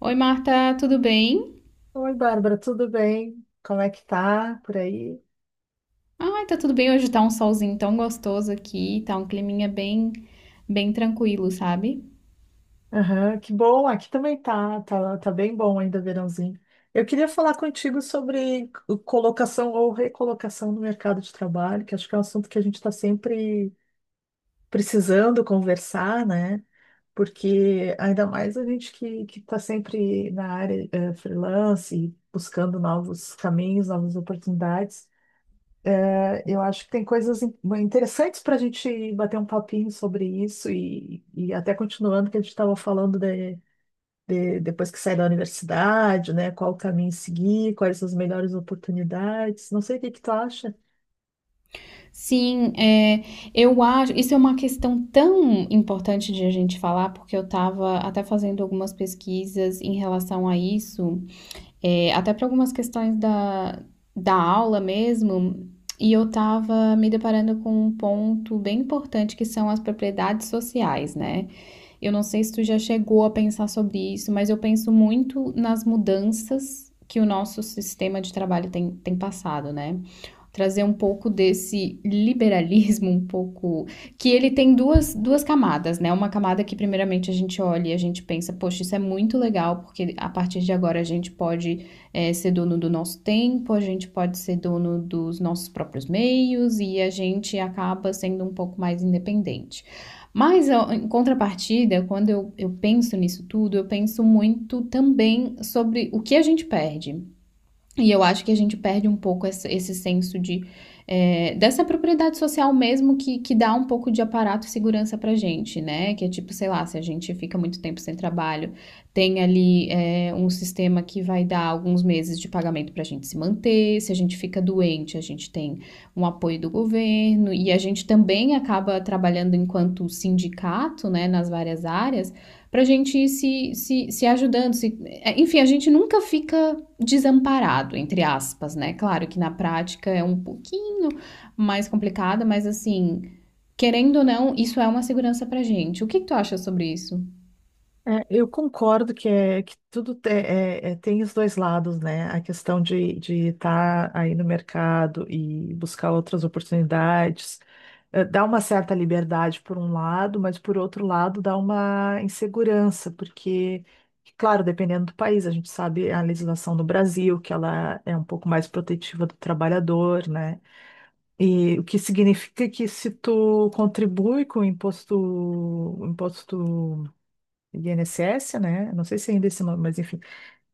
Oi, Marta, tudo bem? Oi, Bárbara, tudo bem? Como é que tá por aí? Ai, tá tudo bem. Hoje tá um solzinho tão gostoso aqui, tá um climinha bem, bem tranquilo, sabe? Aham, que bom, aqui também tá bem bom ainda, verãozinho. Eu queria falar contigo sobre colocação ou recolocação no mercado de trabalho, que acho que é um assunto que a gente está sempre precisando conversar, né? Porque ainda mais a gente que está sempre na área freelance, buscando novos caminhos, novas oportunidades. Eu acho que tem coisas interessantes para a gente bater um papinho sobre isso e até continuando que a gente estava falando de depois que sai da universidade, né? Qual o caminho seguir, quais as melhores oportunidades. Não sei o que que tu acha. Sim, é, eu acho. Isso é uma questão tão importante de a gente falar, porque eu tava até fazendo algumas pesquisas em relação a isso, até para algumas questões da, da aula mesmo. E eu tava me deparando com um ponto bem importante que são as propriedades sociais, né? Eu não sei se tu já chegou a pensar sobre isso, mas eu penso muito nas mudanças que o nosso sistema de trabalho tem passado, né? Trazer um pouco desse liberalismo, um pouco. Que ele tem duas camadas, né? Uma camada que, primeiramente, a gente olha e a gente pensa, poxa, isso é muito legal, porque a partir de agora a gente pode ser dono do nosso tempo, a gente pode ser dono dos nossos próprios meios e a gente acaba sendo um pouco mais independente. Mas, em contrapartida, quando eu penso nisso tudo, eu penso muito também sobre o que a gente perde. E eu acho que a gente perde um pouco esse senso de dessa propriedade social mesmo que dá um pouco de aparato e segurança pra gente, né? Que é tipo, sei lá, se a gente fica muito tempo sem trabalho, tem ali um sistema que vai dar alguns meses de pagamento pra gente se manter, se a gente fica doente, a gente tem um apoio do governo, e a gente também acaba trabalhando enquanto sindicato, né, nas várias áreas, pra gente ir se ajudando, se enfim, a gente nunca fica desamparado, entre aspas, né? Claro que na prática é um pouquinho mais complicado, mas assim, querendo ou não, isso é uma segurança pra gente. O que que tu acha sobre isso? É, eu concordo que, é, que tudo tem os dois lados, né? A questão de estar aí no mercado e buscar outras oportunidades, dá uma certa liberdade por um lado, mas por outro lado dá uma insegurança, porque, claro, dependendo do país, a gente sabe a legislação no Brasil, que ela é um pouco mais protetiva do trabalhador, né? E o que significa que se tu contribui com o imposto INSS, né? Não sei se ainda é esse nome, mas enfim,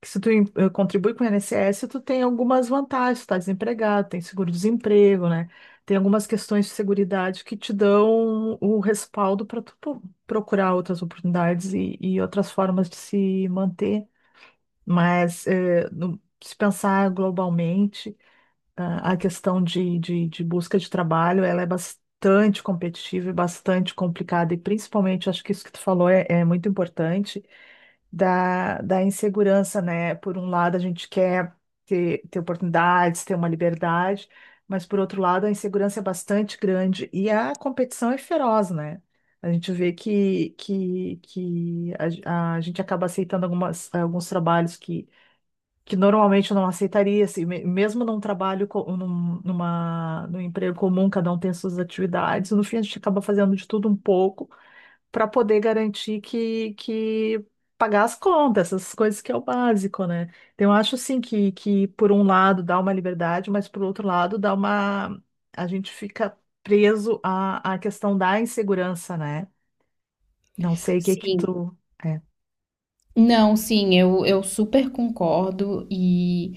que se tu contribui com o INSS, tu tem algumas vantagens, tu tá desempregado, tem seguro-desemprego, né? Tem algumas questões de seguridade que te dão o respaldo para tu procurar outras oportunidades e outras formas de se manter. Mas se pensar globalmente, ah, a questão de busca de trabalho, ela é bastante competitiva e bastante complicada, e principalmente, acho que isso que tu falou é muito importante da insegurança, né? Por um lado, a gente quer ter oportunidades, ter uma liberdade, mas por outro lado, a insegurança é bastante grande e a competição é feroz, né? A gente vê que a gente acaba aceitando alguns trabalhos que normalmente eu não aceitaria, assim, mesmo num trabalho, num emprego comum, cada um tem suas atividades, no fim a gente acaba fazendo de tudo um pouco para poder garantir que pagar as contas, essas coisas que é o básico, né? Então, eu acho assim que por um lado dá uma liberdade, mas por outro lado dá uma. A gente fica preso à questão da insegurança, né? Não sei o que que Sim. tu. É. Não, sim, eu super concordo. e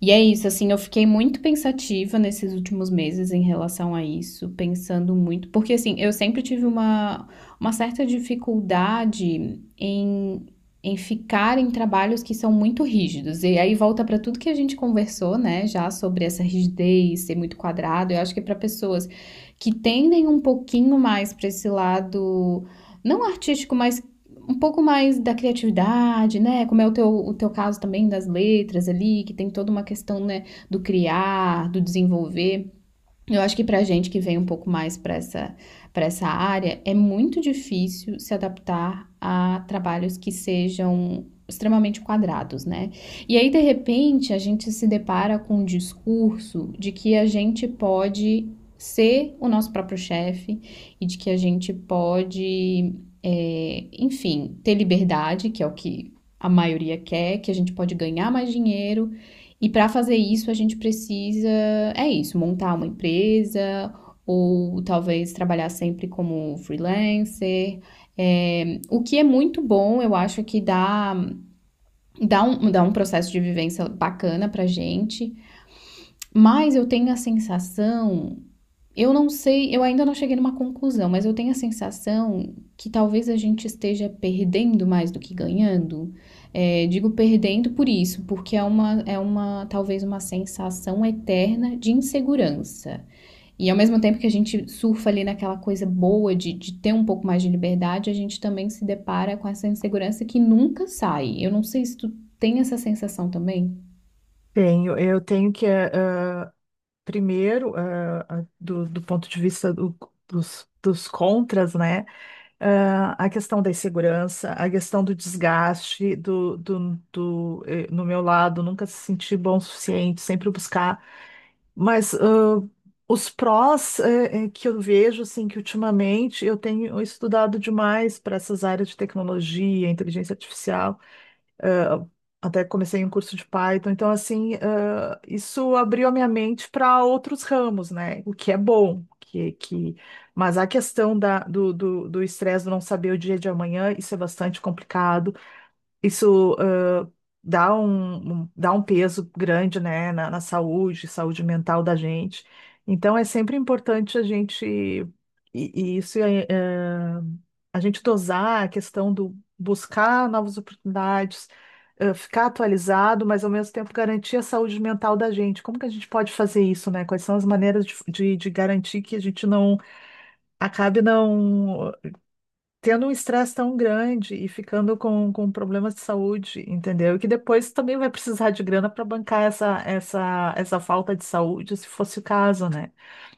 E é isso, assim, eu fiquei muito pensativa nesses últimos meses em relação a isso, pensando muito, porque assim, eu sempre tive uma certa dificuldade em, em ficar em trabalhos que são muito rígidos. E aí volta para tudo que a gente conversou, né, já sobre essa rigidez, ser muito quadrado. Eu acho que para pessoas que tendem um pouquinho mais para esse lado não artístico, mas um pouco mais da criatividade, né? Como é o teu caso também das letras ali, que tem toda uma questão, né, do criar, do desenvolver. Eu acho que pra gente que vem um pouco mais para para essa área, é muito difícil se adaptar a trabalhos que sejam extremamente quadrados, né? E aí, de repente, a gente se depara com um discurso de que a gente pode ser o nosso próprio chefe e de que a gente pode, enfim, ter liberdade, que é o que a maioria quer, que a gente pode ganhar mais dinheiro. E para fazer isso, a gente precisa é isso, montar uma empresa ou talvez trabalhar sempre como freelancer. É, o que é muito bom, eu acho que dá um processo de vivência bacana pra gente, mas eu tenho a sensação, eu não sei, eu ainda não cheguei numa conclusão, mas eu tenho a sensação que talvez a gente esteja perdendo mais do que ganhando. É, digo perdendo por isso, porque é uma sensação eterna de insegurança. E ao mesmo tempo que a gente surfa ali naquela coisa boa de ter um pouco mais de liberdade, a gente também se depara com essa insegurança que nunca sai. Eu não sei se tu tem essa sensação também? Tenho, eu tenho que, primeiro, do, do ponto de vista dos contras, né? Ah, a questão da insegurança, a questão do desgaste, no meu lado, nunca se sentir bom o suficiente, sempre buscar. Mas os prós, que eu vejo, assim, que ultimamente eu tenho estudado demais para essas áreas de tecnologia, inteligência artificial. Até comecei um curso de Python, então assim, ah, isso abriu a minha mente para outros ramos, né? O que é bom, que... mas a questão do estresse, do não saber o dia de amanhã, isso é bastante complicado. Isso dá dá um peso grande, né, na, na saúde, saúde mental da gente. Então é sempre importante a gente, e isso é, a gente dosar a questão do buscar novas oportunidades, ficar atualizado, mas ao mesmo tempo garantir a saúde mental da gente. Como que a gente pode fazer isso, né? Quais são as maneiras de garantir que a gente não acabe não tendo um estresse tão grande e ficando com problemas de saúde, entendeu? E que depois também vai precisar de grana para bancar essa falta de saúde, se fosse o caso, né?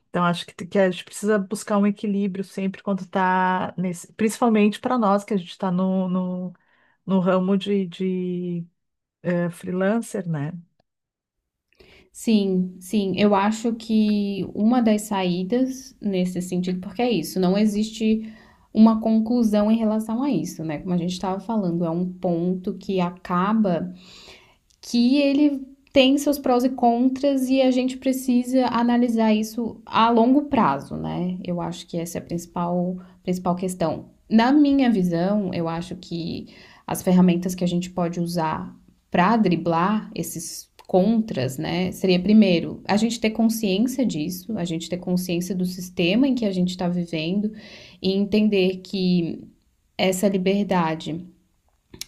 Então, acho que a gente precisa buscar um equilíbrio sempre quando está nesse, principalmente para nós que a gente está no ramo de freelancer, né? Sim, sim, eu acho que uma das saídas nesse sentido, porque é isso, não existe uma conclusão em relação a isso, né? Como a gente estava falando, é um ponto que acaba que ele tem seus prós e contras e a gente precisa analisar isso a longo prazo, né? Eu acho que essa é a principal questão. Na minha visão, eu acho que as ferramentas que a gente pode usar para driblar esses contras, né? Seria primeiro a gente ter consciência disso, a gente ter consciência do sistema em que a gente está vivendo e entender que essa liberdade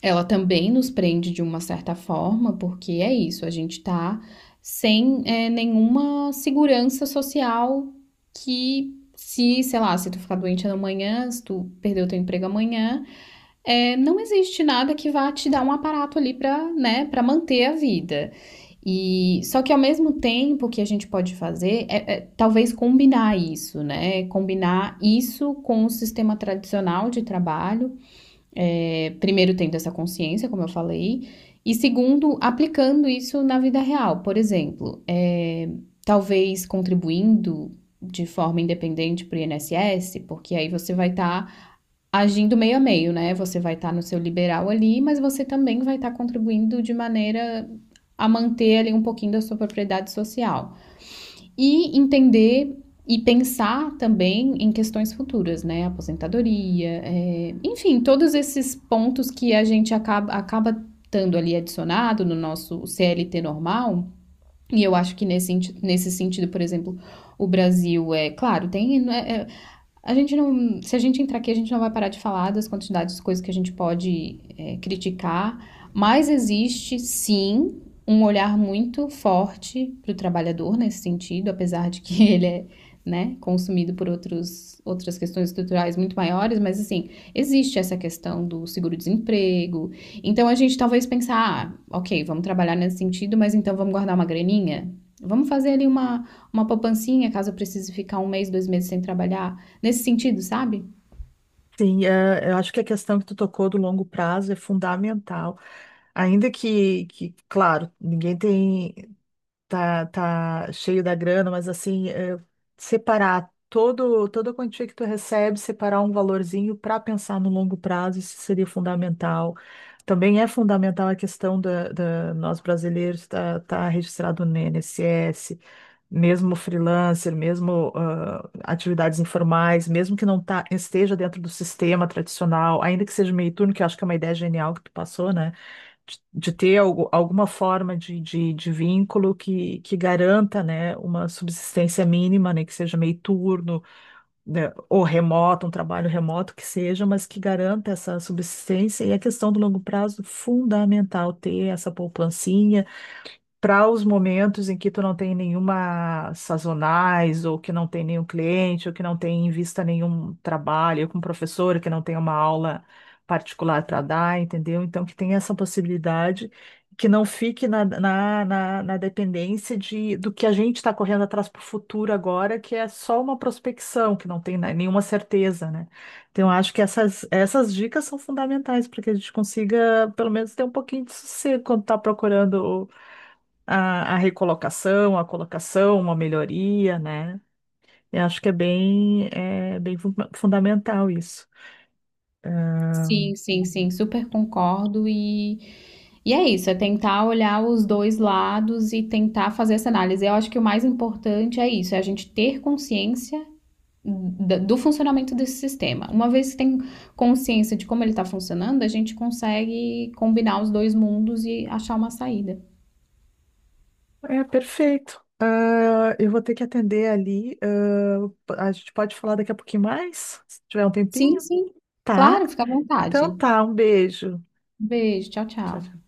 ela também nos prende de uma certa forma, porque é isso, a gente tá sem nenhuma segurança social que se, sei lá, se tu ficar doente amanhã, se tu perder o teu emprego amanhã, não existe nada que vá te dar um aparato ali para, né, para manter a vida. E só que ao mesmo tempo que a gente pode fazer talvez combinar isso, né, combinar isso com o sistema tradicional de trabalho primeiro, tendo essa consciência, como eu falei, e segundo, aplicando isso na vida real. Por exemplo, talvez contribuindo de forma independente para o INSS, porque aí você vai estar agindo meio a meio, né? Você vai estar no seu liberal ali, mas você também vai estar contribuindo de maneira a manter ali um pouquinho da sua propriedade social. E entender e pensar também em questões futuras, né? Aposentadoria, enfim, todos esses pontos que a gente acaba estando ali adicionado no nosso CLT normal. E eu acho que nesse sentido, por exemplo, o Brasil é claro, tem né, a gente não. Se a gente entrar aqui, a gente não vai parar de falar das quantidades de coisas que a gente pode criticar, mas existe sim um olhar muito forte para o trabalhador nesse sentido, apesar de que ele é né, consumido por outros, outras questões estruturais muito maiores, mas assim, existe essa questão do seguro-desemprego. Então a gente talvez pensar, ah, ok, vamos trabalhar nesse sentido, mas então vamos guardar uma graninha? Vamos fazer ali uma poupancinha caso eu precise ficar um mês, dois meses sem trabalhar? Nesse sentido, sabe? Sim, eh, eu acho que a questão que tu tocou do longo prazo é fundamental. Ainda que, claro, ninguém tem. Tá, tá cheio da grana, mas assim, é, separar todo, toda a quantia que tu recebe, separar um valorzinho para pensar no longo prazo, isso seria fundamental. Também é fundamental a questão da nós brasileiros estar tá registrado no INSS, mesmo freelancer, mesmo ah, atividades informais, mesmo que não esteja dentro do sistema tradicional, ainda que seja meio turno, que eu acho que é uma ideia genial que tu passou, né? De ter alguma forma de vínculo que garanta, né, uma subsistência mínima, né, que seja meio turno, né, ou remoto, um trabalho remoto que seja, mas que garanta essa subsistência. E a questão do longo prazo, fundamental ter essa poupancinha para os momentos em que tu não tem nenhuma sazonais, ou que não tem nenhum cliente, ou que não tem em vista nenhum trabalho com um professor, que não tem uma aula particular para dar, entendeu? Então, que tem essa possibilidade, que não fique na dependência de, do que a gente está correndo atrás para o futuro agora, que é só uma prospecção, que não tem né, nenhuma certeza, né? Então, eu acho que essas dicas são fundamentais para que a gente consiga, pelo menos, ter um pouquinho de sossego quando está procurando a recolocação, a colocação, uma melhoria, né? Eu acho que é bem fundamental isso. Sim, sim, sim, super concordo e é isso, é tentar olhar os dois lados e tentar fazer essa análise. Eu acho que o mais importante é isso, é a gente ter consciência do funcionamento desse sistema. Uma vez que tem consciência de como ele está funcionando, a gente consegue combinar os dois mundos e achar uma saída. É perfeito. Ah, eu vou ter que atender ali. Ah, a gente pode falar daqui a pouquinho mais, se tiver um Sim, tempinho. sim, Tá? claro, fica à Então vontade. tá, um beijo. Beijo, tchau, Tchau, tchau. tchau.